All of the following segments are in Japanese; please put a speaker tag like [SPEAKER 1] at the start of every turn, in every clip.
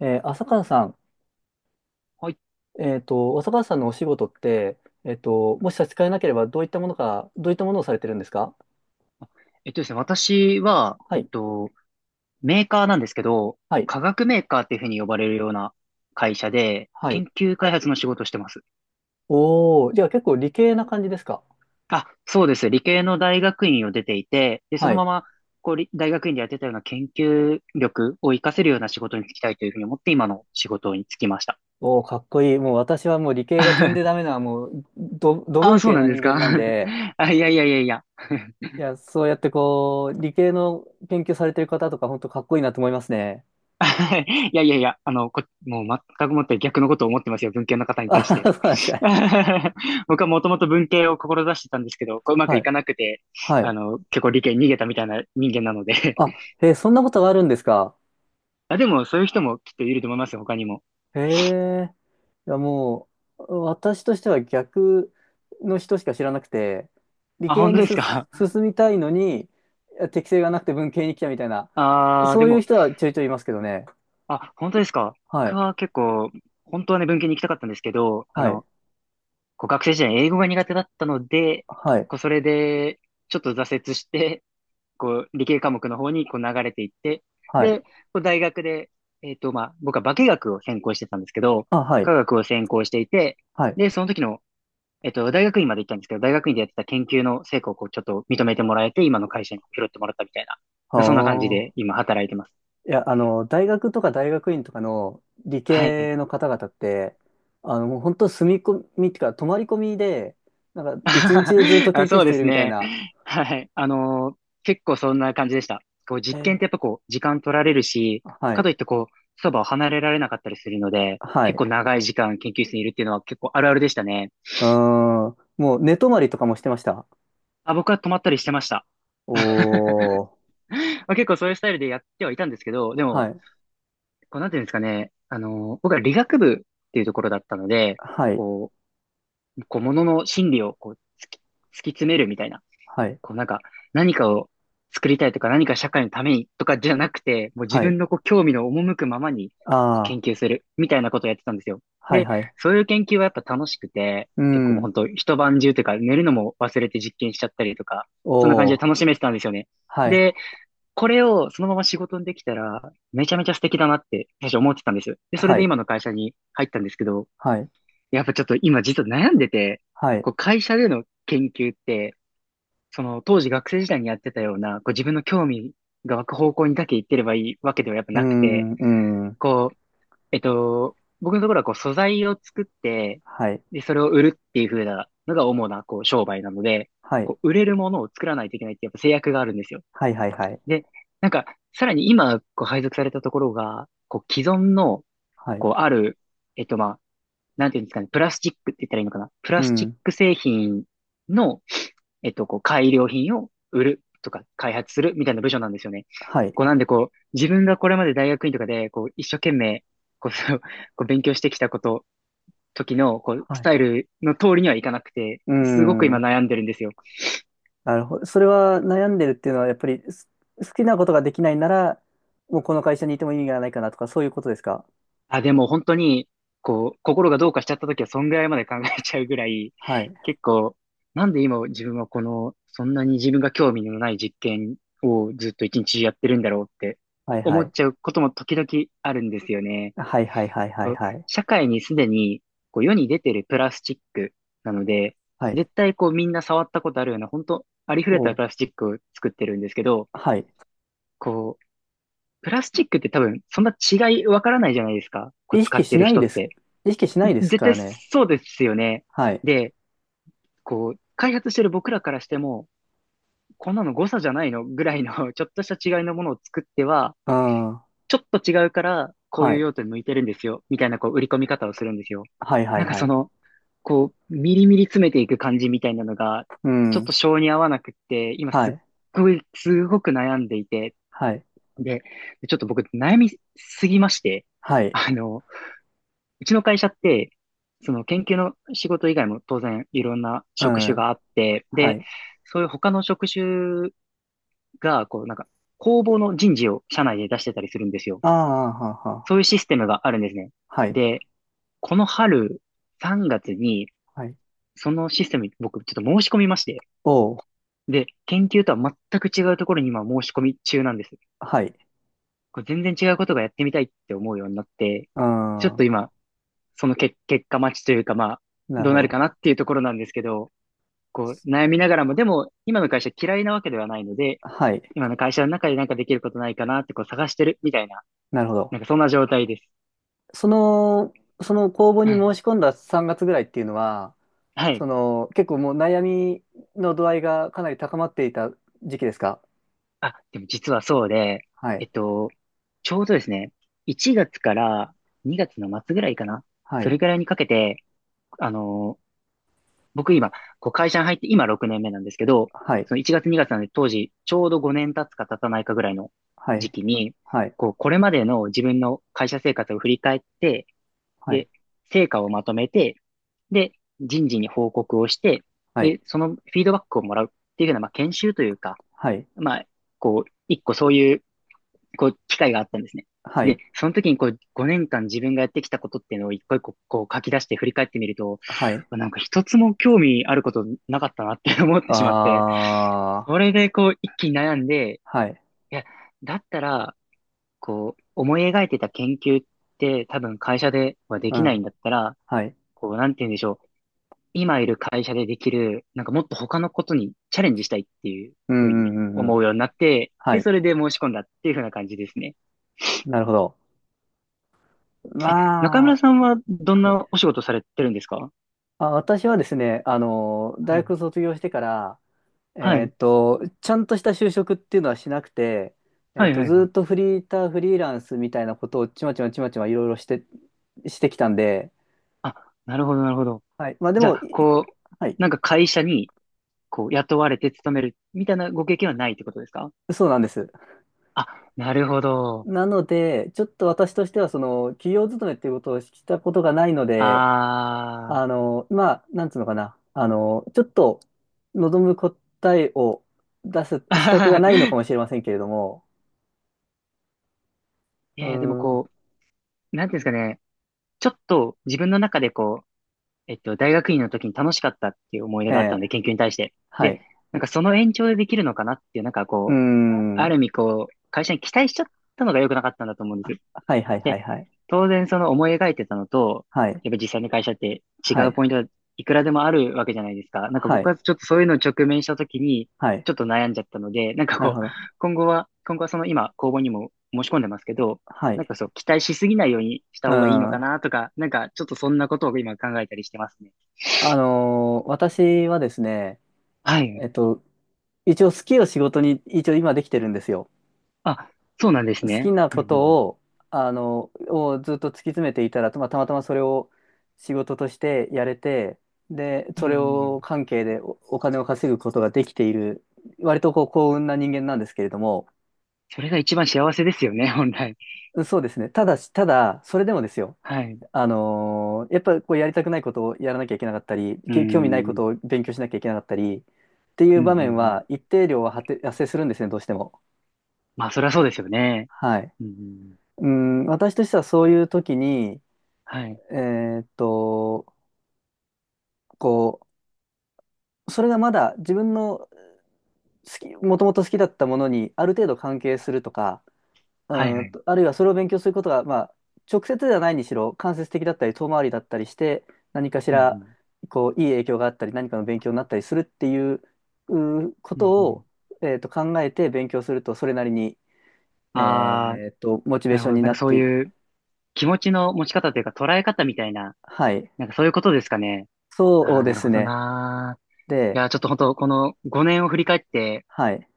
[SPEAKER 1] 浅川さん、
[SPEAKER 2] はい。
[SPEAKER 1] 浅川さんのお仕事って、もし差し支えなければ、どういったものか、どういったものをされてるんですか？
[SPEAKER 2] えっとですね、私は、
[SPEAKER 1] はい、
[SPEAKER 2] メーカーなんですけど、
[SPEAKER 1] はい、
[SPEAKER 2] 化学メーカーっていうふうに呼ばれるような会社で、
[SPEAKER 1] はい。
[SPEAKER 2] 研究開発の仕事をしてます。
[SPEAKER 1] おー、じゃあ結構理系な感じですか？
[SPEAKER 2] あ、そうです。理系の大学院を出ていて、で、そ
[SPEAKER 1] は
[SPEAKER 2] のま
[SPEAKER 1] い。
[SPEAKER 2] ま、こう、大学院でやってたような研究力を活かせるような仕事に就きたいというふうに思って、今の仕事に就きました。
[SPEAKER 1] おー、かっこいい。もう私はもう理系が点でダ メな、もう、ど、ど
[SPEAKER 2] あ、
[SPEAKER 1] 文
[SPEAKER 2] そう
[SPEAKER 1] 系
[SPEAKER 2] な
[SPEAKER 1] な
[SPEAKER 2] んで
[SPEAKER 1] 人
[SPEAKER 2] す
[SPEAKER 1] 間
[SPEAKER 2] か？
[SPEAKER 1] なんで、
[SPEAKER 2] あ、いやいやいやいや。
[SPEAKER 1] いや、そうやってこう、理系の研究されてる方とか、本当かっこいいなと思いますね。
[SPEAKER 2] いやいやいや、あの、もう全くもって逆のことを思ってますよ。文系の方に
[SPEAKER 1] あ
[SPEAKER 2] 対し
[SPEAKER 1] は
[SPEAKER 2] て。
[SPEAKER 1] は、そうなんですか。
[SPEAKER 2] 僕はもともと文系を志してたんですけど、こううまく
[SPEAKER 1] は
[SPEAKER 2] い
[SPEAKER 1] い、
[SPEAKER 2] かなくて、
[SPEAKER 1] は
[SPEAKER 2] あ
[SPEAKER 1] い。
[SPEAKER 2] の、結構理系に逃げたみたいな人間なので。
[SPEAKER 1] あ、そんなことがあるんですか？
[SPEAKER 2] あ、でもそういう人もきっといると思いますよ、他にも。
[SPEAKER 1] へえ。いや、もう、私としては逆の人しか知らなくて、理
[SPEAKER 2] あ、
[SPEAKER 1] 系
[SPEAKER 2] 本当
[SPEAKER 1] に
[SPEAKER 2] です
[SPEAKER 1] す
[SPEAKER 2] か。
[SPEAKER 1] 進みたいのに、いや適性がなくて文系に来たみたいな、
[SPEAKER 2] あー、
[SPEAKER 1] そ
[SPEAKER 2] で
[SPEAKER 1] ういう
[SPEAKER 2] も、
[SPEAKER 1] 人はちょいちょいいますけどね。
[SPEAKER 2] あ、本当ですか。
[SPEAKER 1] は
[SPEAKER 2] 僕
[SPEAKER 1] い、
[SPEAKER 2] は結構、本当はね、文系に行きたかったんですけど、あ
[SPEAKER 1] はい、
[SPEAKER 2] の、こう学生時代英語が苦手だったので、
[SPEAKER 1] はい、
[SPEAKER 2] こうそれで、ちょっと挫折して、こう、理系科目の方にこう流れていって、
[SPEAKER 1] はい。
[SPEAKER 2] で、こう大学で、まあ、僕は化学を専攻してたんですけど、
[SPEAKER 1] あ、はい、
[SPEAKER 2] 科学を専攻していて、
[SPEAKER 1] はい。
[SPEAKER 2] で、その時の、大学院まで行ったんですけど、大学院でやってた研究の成果をこう、ちょっと認めてもらえて、今の会社に拾ってもらったみたい
[SPEAKER 1] あ
[SPEAKER 2] な、そんな感じ
[SPEAKER 1] あ。
[SPEAKER 2] で今働いてます。
[SPEAKER 1] いや、大学とか大学院とかの理
[SPEAKER 2] はい。
[SPEAKER 1] 系の方々って、もう本当住み込みっていうか、泊まり込みで、なんか、一日中ずっ と
[SPEAKER 2] あ、
[SPEAKER 1] 研究
[SPEAKER 2] そう
[SPEAKER 1] 室
[SPEAKER 2] で
[SPEAKER 1] いる
[SPEAKER 2] す
[SPEAKER 1] みたい
[SPEAKER 2] ね。
[SPEAKER 1] な。
[SPEAKER 2] はい。結構そんな感じでした。こう、
[SPEAKER 1] え
[SPEAKER 2] 実験
[SPEAKER 1] ー、
[SPEAKER 2] ってやっぱこう、時間取られるし、
[SPEAKER 1] は
[SPEAKER 2] かと
[SPEAKER 1] い。
[SPEAKER 2] いってこう、そばを離れられなかったりするので、
[SPEAKER 1] は
[SPEAKER 2] 結
[SPEAKER 1] い。
[SPEAKER 2] 構長い時間研究室にいるっていうのは結構あるあるでしたね。
[SPEAKER 1] うーん。もう寝泊まりとかもしてました。
[SPEAKER 2] あ、僕は泊まったりしてました。
[SPEAKER 1] おー。
[SPEAKER 2] まあ、結構そういうスタイルでやってはいたんですけど、でも、
[SPEAKER 1] はい。
[SPEAKER 2] こう、なんていうんですかね、僕は理学部っていうところだったので、
[SPEAKER 1] はい。
[SPEAKER 2] ここう、ものの心理をこう、突き詰めるみたいな、
[SPEAKER 1] はい。
[SPEAKER 2] こうなんか、何かを作りたいとか、何か社会のためにとかじゃなくて、もう自
[SPEAKER 1] は
[SPEAKER 2] 分
[SPEAKER 1] い。
[SPEAKER 2] のこう興味の赴くままにこう
[SPEAKER 1] あ
[SPEAKER 2] 研
[SPEAKER 1] あ。
[SPEAKER 2] 究するみたいなことをやってたんですよ。
[SPEAKER 1] はい
[SPEAKER 2] で、
[SPEAKER 1] はい。
[SPEAKER 2] そういう研究はやっぱ楽しくて、
[SPEAKER 1] う
[SPEAKER 2] 結構もう
[SPEAKER 1] ん。
[SPEAKER 2] 本当一晩中というか、寝るのも忘れて実験しちゃったりとか、そんな感じ
[SPEAKER 1] お
[SPEAKER 2] で
[SPEAKER 1] ー。
[SPEAKER 2] 楽しめてたんですよね。
[SPEAKER 1] はい。
[SPEAKER 2] で、これをそのまま仕事にできたら、めちゃめちゃ素敵だなって、最初思ってたんです。で、それ
[SPEAKER 1] は
[SPEAKER 2] で
[SPEAKER 1] い。
[SPEAKER 2] 今の会社に入ったんですけど、
[SPEAKER 1] はい。
[SPEAKER 2] やっぱちょっと今実は悩んでて、
[SPEAKER 1] はい。
[SPEAKER 2] こう会社での研究って、その当時学生時代にやってたような、こう自分の興味が湧く方向にだけ行ってればいいわけではやっぱ
[SPEAKER 1] うー
[SPEAKER 2] なくて、
[SPEAKER 1] ん。うん。
[SPEAKER 2] こう、えっと、僕のところはこう素材を作って、
[SPEAKER 1] はい。
[SPEAKER 2] で、それを売るっていう風なのが主なこう商売なので、
[SPEAKER 1] はい。
[SPEAKER 2] こう売れるものを作らないといけないってやっぱ制約があるんですよ。
[SPEAKER 1] はいはいはい。
[SPEAKER 2] で、なんか、さらに今こう配属されたところが、こう既存の、
[SPEAKER 1] はい。
[SPEAKER 2] こうある、まあ、なんていうんですかね、プラスチックって言ったらいいのかな。プ
[SPEAKER 1] う
[SPEAKER 2] ラスチッ
[SPEAKER 1] ん。
[SPEAKER 2] ク製品の、こう、改良品を売るとか開発するみたいな部署なんですよね。
[SPEAKER 1] はい。
[SPEAKER 2] こう、なんでこう、自分がこれまで大学院とかで、こう、一生懸命、こう、そうこう勉強してきたこと、時の、こう、
[SPEAKER 1] は
[SPEAKER 2] ス
[SPEAKER 1] い。
[SPEAKER 2] タイルの通りにはいかなくて、
[SPEAKER 1] う
[SPEAKER 2] すごく今
[SPEAKER 1] ん。
[SPEAKER 2] 悩んでるんですよ。
[SPEAKER 1] なるほど。それは悩んでるっていうのは、やっぱり好きなことができないなら、もうこの会社にいても意味がないかなとか、そういうことですか？
[SPEAKER 2] あ、でも本当に、こう、心がどうかしちゃった時は、そんぐらいまで考えちゃうぐらい、
[SPEAKER 1] はい。
[SPEAKER 2] 結構、なんで今自分はこの、そんなに自分が興味のない実験をずっと一日中やってるんだろうって
[SPEAKER 1] はいは
[SPEAKER 2] 思っち
[SPEAKER 1] い。
[SPEAKER 2] ゃうことも時々あるんですよね。
[SPEAKER 1] はいはいはいは
[SPEAKER 2] こ
[SPEAKER 1] い
[SPEAKER 2] う
[SPEAKER 1] はい。
[SPEAKER 2] 社会にすでにこう世に出てるプラスチックなので、
[SPEAKER 1] はい、
[SPEAKER 2] 絶対こうみんな触ったことあるような、本当ありふれた
[SPEAKER 1] そ
[SPEAKER 2] プラスチックを作ってるんですけど、
[SPEAKER 1] う。はい。
[SPEAKER 2] こう、プラスチックって多分そんな違いわからないじゃないですか。こう
[SPEAKER 1] 意
[SPEAKER 2] 使
[SPEAKER 1] 識
[SPEAKER 2] って
[SPEAKER 1] し
[SPEAKER 2] る
[SPEAKER 1] ない
[SPEAKER 2] 人
[SPEAKER 1] で
[SPEAKER 2] っ
[SPEAKER 1] す。
[SPEAKER 2] て。
[SPEAKER 1] 意識しないです
[SPEAKER 2] 絶
[SPEAKER 1] か
[SPEAKER 2] 対
[SPEAKER 1] らね。
[SPEAKER 2] そうですよね。
[SPEAKER 1] はい。
[SPEAKER 2] で、こう、開発してる僕らからしても、こんなの誤差じゃないのぐらいの ちょっとした違いのものを作っては、
[SPEAKER 1] うん。は
[SPEAKER 2] ちょっと違うから、こういう
[SPEAKER 1] い。
[SPEAKER 2] 用途に向いてるんですよ、みたいな、こう、売り込み方をするんですよ。
[SPEAKER 1] はいはい
[SPEAKER 2] なんか
[SPEAKER 1] は
[SPEAKER 2] そ
[SPEAKER 1] い。
[SPEAKER 2] の、こう、ミリミリ詰めていく感じみたいなのが、
[SPEAKER 1] う
[SPEAKER 2] ちょっ
[SPEAKER 1] ん。
[SPEAKER 2] と性に合わなくって、今
[SPEAKER 1] は
[SPEAKER 2] すっ
[SPEAKER 1] い。
[SPEAKER 2] ごい、すごく悩んでいて、
[SPEAKER 1] はい。
[SPEAKER 2] で、ちょっと僕、悩みすぎまして、
[SPEAKER 1] はい。
[SPEAKER 2] あの、うちの会社って、その研究の仕事以外も当然いろんな
[SPEAKER 1] う
[SPEAKER 2] 職種
[SPEAKER 1] ん。
[SPEAKER 2] があって、
[SPEAKER 1] は
[SPEAKER 2] で、
[SPEAKER 1] い。
[SPEAKER 2] そういう他の職種が、こう、なんか、公募の人事を社内で出してたりするんですよ。
[SPEAKER 1] ああ、はあ、
[SPEAKER 2] そ
[SPEAKER 1] は
[SPEAKER 2] ういうシステムがあるんですね。
[SPEAKER 1] あ。はい。
[SPEAKER 2] で、この春、3月に、
[SPEAKER 1] はい。
[SPEAKER 2] そのシステムに僕ちょっと申し込みまして、
[SPEAKER 1] おう。
[SPEAKER 2] で、研究とは全く違うところに今申し込み中なんです。
[SPEAKER 1] はい。
[SPEAKER 2] これ全然違うことがやってみたいって思うようになって、
[SPEAKER 1] う
[SPEAKER 2] ちょっ
[SPEAKER 1] ん。
[SPEAKER 2] と今、その結果待ちというか、まあ、
[SPEAKER 1] なる
[SPEAKER 2] どう
[SPEAKER 1] ほ
[SPEAKER 2] なる
[SPEAKER 1] ど。
[SPEAKER 2] かなっていうところなんですけど、こう、悩みながらも、でも、今の会社嫌いなわけではないので、
[SPEAKER 1] はい。
[SPEAKER 2] 今の会社の中でなんかできることないかなってこう探してるみたいな、
[SPEAKER 1] なるほど。
[SPEAKER 2] なんかそんな状態です。
[SPEAKER 1] その、その公募に
[SPEAKER 2] はい。
[SPEAKER 1] 申し込んだ3月ぐらいっていうのは、
[SPEAKER 2] は
[SPEAKER 1] そ
[SPEAKER 2] い。
[SPEAKER 1] の、結構もう悩みの度合いがかなり高まっていた時期ですか？
[SPEAKER 2] あ、でも実はそうで、
[SPEAKER 1] は
[SPEAKER 2] え
[SPEAKER 1] い。
[SPEAKER 2] っと、ちょうどですね、1月から2月の末ぐらいかな。
[SPEAKER 1] は
[SPEAKER 2] そ
[SPEAKER 1] い。
[SPEAKER 2] れぐらいにかけて、あのー僕今、こう会社に入って今6年目なんですけど、
[SPEAKER 1] はい。
[SPEAKER 2] その1月2月なんで当時、ちょうど5年経つか経たないかぐらいの
[SPEAKER 1] は
[SPEAKER 2] 時
[SPEAKER 1] い。
[SPEAKER 2] 期に、
[SPEAKER 1] はい。
[SPEAKER 2] こう、これまでの自分の会社生活を振り返って、
[SPEAKER 1] はい。
[SPEAKER 2] で、成果をまとめて、で、人事に報告をして、
[SPEAKER 1] はい、
[SPEAKER 2] で、そのフィードバックをもらうっていうような、まあ、研修というか、
[SPEAKER 1] はい、
[SPEAKER 2] まあ、こう、一個そういうこう、機会があったんですね。
[SPEAKER 1] は
[SPEAKER 2] で、
[SPEAKER 1] い、
[SPEAKER 2] その時にこう、5年間自分がやってきたことっていうのを一個一個こう書き出して振り返ってみると、
[SPEAKER 1] はい、
[SPEAKER 2] なんか一つも興味あることなかったなって思って
[SPEAKER 1] あ
[SPEAKER 2] しまって、
[SPEAKER 1] ー、
[SPEAKER 2] それでこう、一気に悩んで、
[SPEAKER 1] はい、
[SPEAKER 2] いや、だったら、こう、思い描いてた研究って多分会社ではで
[SPEAKER 1] う
[SPEAKER 2] きない
[SPEAKER 1] ん、
[SPEAKER 2] んだったら、
[SPEAKER 1] はい、
[SPEAKER 2] こう、なんて言うんでしょう。今いる会社でできる、なんかもっと他のことにチャレンジしたいっていう
[SPEAKER 1] うん、
[SPEAKER 2] ふう
[SPEAKER 1] う
[SPEAKER 2] に
[SPEAKER 1] ん、うん、うん、
[SPEAKER 2] 思うようになって、
[SPEAKER 1] は
[SPEAKER 2] で、
[SPEAKER 1] い、
[SPEAKER 2] それで申し込んだっていうふうな感じですね。
[SPEAKER 1] なるほど。
[SPEAKER 2] え、中
[SPEAKER 1] ま
[SPEAKER 2] 村
[SPEAKER 1] あ、
[SPEAKER 2] さんはどん
[SPEAKER 1] はい。
[SPEAKER 2] なお仕事されてるんですか？
[SPEAKER 1] あ、私はですね、大
[SPEAKER 2] はい。
[SPEAKER 1] 学卒業してから、
[SPEAKER 2] はい。
[SPEAKER 1] ちゃんとした就職っていうのはしなくて、
[SPEAKER 2] はい、は
[SPEAKER 1] ず
[SPEAKER 2] い、は
[SPEAKER 1] ーっと
[SPEAKER 2] い。
[SPEAKER 1] フリーター、フリーランスみたいなことをちまちまちまちまいろいろして、してきたんで、
[SPEAKER 2] あ、なるほど、なるほど。
[SPEAKER 1] はい。まあで
[SPEAKER 2] じゃ
[SPEAKER 1] も、
[SPEAKER 2] あ、
[SPEAKER 1] い、
[SPEAKER 2] こう、
[SPEAKER 1] はい、
[SPEAKER 2] なんか会社に、こう、雇われて勤めるみたいなご経験はないってことですか？
[SPEAKER 1] そうなんです。
[SPEAKER 2] あ、なるほど。
[SPEAKER 1] なので、ちょっと私としては、その、企業勤めっていうことをしたことがないので、
[SPEAKER 2] あー。
[SPEAKER 1] まあ、なんつうのかな、ちょっと望む答えを出す資格がないのか もしれませんけれども、
[SPEAKER 2] い
[SPEAKER 1] う
[SPEAKER 2] やいや、でも
[SPEAKER 1] ーん、
[SPEAKER 2] こう、なんていうんですかね。ちょっと自分の中でこう、大学院の時に楽しかったっていう思い出
[SPEAKER 1] え
[SPEAKER 2] があった
[SPEAKER 1] え、
[SPEAKER 2] ので、研究に対して。
[SPEAKER 1] は
[SPEAKER 2] で、
[SPEAKER 1] い、
[SPEAKER 2] なんかその延長でできるのかなっていう、なんか
[SPEAKER 1] うー
[SPEAKER 2] こう、ああ
[SPEAKER 1] ん、
[SPEAKER 2] る意味こう、会社に期待しちゃったのが良くなかったんだと思うんです。
[SPEAKER 1] はいはいは
[SPEAKER 2] で、
[SPEAKER 1] いはい、
[SPEAKER 2] 当然その思い描いてたのと、
[SPEAKER 1] はい、
[SPEAKER 2] やっぱ実際の会社って違
[SPEAKER 1] は
[SPEAKER 2] う
[SPEAKER 1] い、
[SPEAKER 2] ポイントがいくらでもあるわけじゃないですか。なんか
[SPEAKER 1] は
[SPEAKER 2] 僕
[SPEAKER 1] い、
[SPEAKER 2] はちょっとそういうのを直面した時に、
[SPEAKER 1] はい、
[SPEAKER 2] ちょっと悩んじゃったので、なんか
[SPEAKER 1] なる
[SPEAKER 2] こ
[SPEAKER 1] ほ
[SPEAKER 2] う、
[SPEAKER 1] ど、
[SPEAKER 2] 今後はその今、公募にも申し込んでますけど、
[SPEAKER 1] は
[SPEAKER 2] なん
[SPEAKER 1] い、
[SPEAKER 2] かそう、期待しすぎないようにした
[SPEAKER 1] う
[SPEAKER 2] 方がいいのか
[SPEAKER 1] ん、
[SPEAKER 2] なとか、なんかちょっとそんなことを今考えたりしてますね。
[SPEAKER 1] 私はですね、
[SPEAKER 2] はい。
[SPEAKER 1] えっと、一応好きを仕事に、一応今できてるんですよ。
[SPEAKER 2] あ、そうなんです
[SPEAKER 1] 好き
[SPEAKER 2] ね。
[SPEAKER 1] な
[SPEAKER 2] うん
[SPEAKER 1] こ
[SPEAKER 2] う
[SPEAKER 1] と
[SPEAKER 2] ん。
[SPEAKER 1] を、あの、をずっと突き詰めていたら、まあ、たまたまそれを仕事としてやれて、で、
[SPEAKER 2] うんう
[SPEAKER 1] そ
[SPEAKER 2] んう
[SPEAKER 1] れ
[SPEAKER 2] んう
[SPEAKER 1] を
[SPEAKER 2] ん。
[SPEAKER 1] 関係でお金を稼ぐことができている、割とこう幸運な人間なんですけれども、
[SPEAKER 2] それが一番幸せですよね、本来。
[SPEAKER 1] そうですね。ただし、ただ、それでもですよ。
[SPEAKER 2] はい。
[SPEAKER 1] やっぱりこうやりたくないことをやらなきゃいけなかったり、
[SPEAKER 2] う
[SPEAKER 1] 興味ない
[SPEAKER 2] ん。う
[SPEAKER 1] ことを
[SPEAKER 2] ん
[SPEAKER 1] 勉強しなきゃいけなかったり、ってい
[SPEAKER 2] うん
[SPEAKER 1] う
[SPEAKER 2] う
[SPEAKER 1] 場面
[SPEAKER 2] ん。
[SPEAKER 1] は一定量は発生するんですね、どうしても。
[SPEAKER 2] まあ、そりゃそうですよね。
[SPEAKER 1] はい。
[SPEAKER 2] うんうん。
[SPEAKER 1] うん、私としてはそういう時に、
[SPEAKER 2] はい。
[SPEAKER 1] えーっと、こう、それがまだ自分の好き、もともと好きだったものにある程度関係するとか、う
[SPEAKER 2] はい
[SPEAKER 1] ー
[SPEAKER 2] は
[SPEAKER 1] ん
[SPEAKER 2] い。
[SPEAKER 1] と、あるいはそれを勉強することが、まあ、直接ではないにしろ、間接的だったり、遠回りだったりして、何かし
[SPEAKER 2] うん
[SPEAKER 1] ら、
[SPEAKER 2] う
[SPEAKER 1] こう、いい影響があったり、何かの勉強になったりするっていう、うーこ
[SPEAKER 2] ん。うんう
[SPEAKER 1] と
[SPEAKER 2] ん。
[SPEAKER 1] を、考えて勉強すると、それなりに、
[SPEAKER 2] ああ、
[SPEAKER 1] モチベー
[SPEAKER 2] なる
[SPEAKER 1] ショ
[SPEAKER 2] ほ
[SPEAKER 1] ン
[SPEAKER 2] ど。
[SPEAKER 1] に
[SPEAKER 2] なん
[SPEAKER 1] な
[SPEAKER 2] か
[SPEAKER 1] っ
[SPEAKER 2] そう
[SPEAKER 1] て、
[SPEAKER 2] いう気持ちの持ち方というか捉え方みたいな、
[SPEAKER 1] はい。
[SPEAKER 2] なんかそういうことですかね。あ
[SPEAKER 1] そう
[SPEAKER 2] あ、
[SPEAKER 1] で
[SPEAKER 2] なる
[SPEAKER 1] す
[SPEAKER 2] ほど
[SPEAKER 1] ね。
[SPEAKER 2] なー。い
[SPEAKER 1] で、
[SPEAKER 2] やー、ちょっと本当この5年を振り返って、
[SPEAKER 1] はい。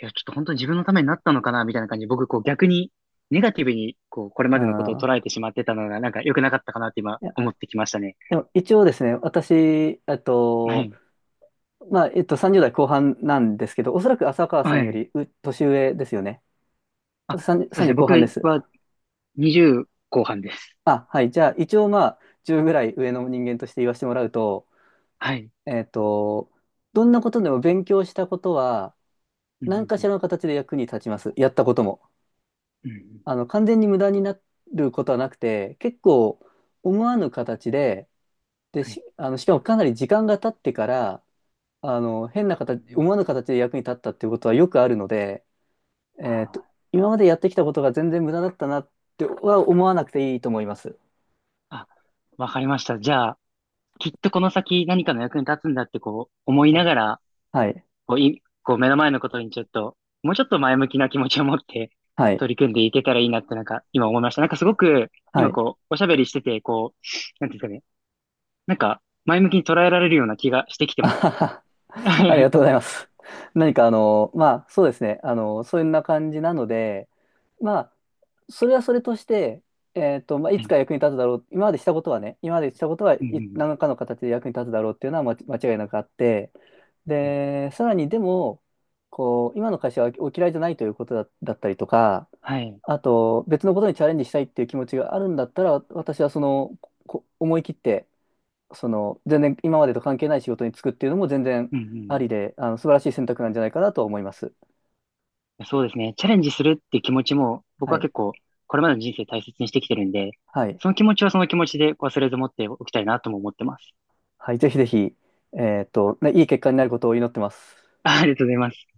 [SPEAKER 2] いや、ちょっと本当に自分のためになったのかな、みたいな感じで、僕、こう逆に、ネガティブに、こう、これ
[SPEAKER 1] う
[SPEAKER 2] ま
[SPEAKER 1] ん、
[SPEAKER 2] でのことを捉えてしまってたのが、なんか良くなかったかなって今、
[SPEAKER 1] いや、
[SPEAKER 2] 思ってきましたね。
[SPEAKER 1] でも一応ですね、私、えっ
[SPEAKER 2] は
[SPEAKER 1] と、
[SPEAKER 2] い。
[SPEAKER 1] 30代後半なんですけど、おそらく浅川さ
[SPEAKER 2] は
[SPEAKER 1] んよ
[SPEAKER 2] い。
[SPEAKER 1] り年上ですよね。
[SPEAKER 2] あ、そ
[SPEAKER 1] 30、
[SPEAKER 2] うですね。
[SPEAKER 1] 3後
[SPEAKER 2] 僕
[SPEAKER 1] 半です。
[SPEAKER 2] は20後半です。
[SPEAKER 1] あ、はい。じゃあ、一応まあ、10ぐらい上の人間として言わせてもらうと、
[SPEAKER 2] はい。
[SPEAKER 1] えっと、どんなことでも勉強したことは、
[SPEAKER 2] うんう
[SPEAKER 1] 何
[SPEAKER 2] ん
[SPEAKER 1] か
[SPEAKER 2] う
[SPEAKER 1] し
[SPEAKER 2] ん。
[SPEAKER 1] らの形で役に立ちます。やったことも。
[SPEAKER 2] うんうん。
[SPEAKER 1] あの、完全に無駄になることはなくて、結構思わぬ形で、で、
[SPEAKER 2] はい。
[SPEAKER 1] し、あの、しかもかなり時間が経ってから、あの、変な
[SPEAKER 2] うんう
[SPEAKER 1] 形、
[SPEAKER 2] ん。
[SPEAKER 1] 思わぬ形で役に立ったっていうことはよくあるので、えっと、
[SPEAKER 2] はい。
[SPEAKER 1] 今までやってきたことが全然無駄だったなっては思わなくていいと思います。
[SPEAKER 2] あ、あわかりました。じゃあ、きっとこの先何かの役に立つんだって、こう、思い
[SPEAKER 1] は
[SPEAKER 2] な
[SPEAKER 1] い
[SPEAKER 2] がら、
[SPEAKER 1] はい。
[SPEAKER 2] こう、い、こう目の前のことにちょっと、もうちょっと前向きな気持ちを持って
[SPEAKER 1] はい。
[SPEAKER 2] 取り組んでいけたらいいなってなんか今思いました。なんかすごく
[SPEAKER 1] は
[SPEAKER 2] 今
[SPEAKER 1] い。
[SPEAKER 2] こう、おしゃべりしてて、こう、なんていうんですかね。なんか前向きに捉えられるような気がしてきて
[SPEAKER 1] あ
[SPEAKER 2] ま
[SPEAKER 1] は
[SPEAKER 2] す。
[SPEAKER 1] は、 あり
[SPEAKER 2] は
[SPEAKER 1] がとうございます。何かあの、まあそうですね。あの、そんな感じなので、まあ、それはそれとして、まあ、い
[SPEAKER 2] い。う
[SPEAKER 1] つか
[SPEAKER 2] ん
[SPEAKER 1] 役に立つだろう。今までしたことはね、今までしたことは
[SPEAKER 2] う
[SPEAKER 1] い
[SPEAKER 2] ん
[SPEAKER 1] 何らかの形で役に立つだろうっていうのは間違いなくあって、
[SPEAKER 2] うん。はい。
[SPEAKER 1] で、さらにでも、こう、今の会社はお嫌いじゃないということだったりとか、
[SPEAKER 2] はい。
[SPEAKER 1] あと、別のことにチャレンジしたいっていう気持ちがあるんだったら、私はその、思い切って、その、全然今までと関係ない仕事に就くっていうのも全然
[SPEAKER 2] うんうんうんはいう
[SPEAKER 1] あ
[SPEAKER 2] ん。
[SPEAKER 1] りで、あの、素晴らしい選択なんじゃないかなと思います。
[SPEAKER 2] うん。そうですね。チャレンジするっていう気持ちも僕
[SPEAKER 1] は
[SPEAKER 2] は
[SPEAKER 1] い。
[SPEAKER 2] 結構これまでの人生大切にしてきてるんで、
[SPEAKER 1] はい。
[SPEAKER 2] その気持ちはその気持ちで忘れず持っておきたいなとも思ってます。
[SPEAKER 1] はい。ぜひぜひ、ね、いい結果になることを祈ってます。
[SPEAKER 2] ありがとうございます。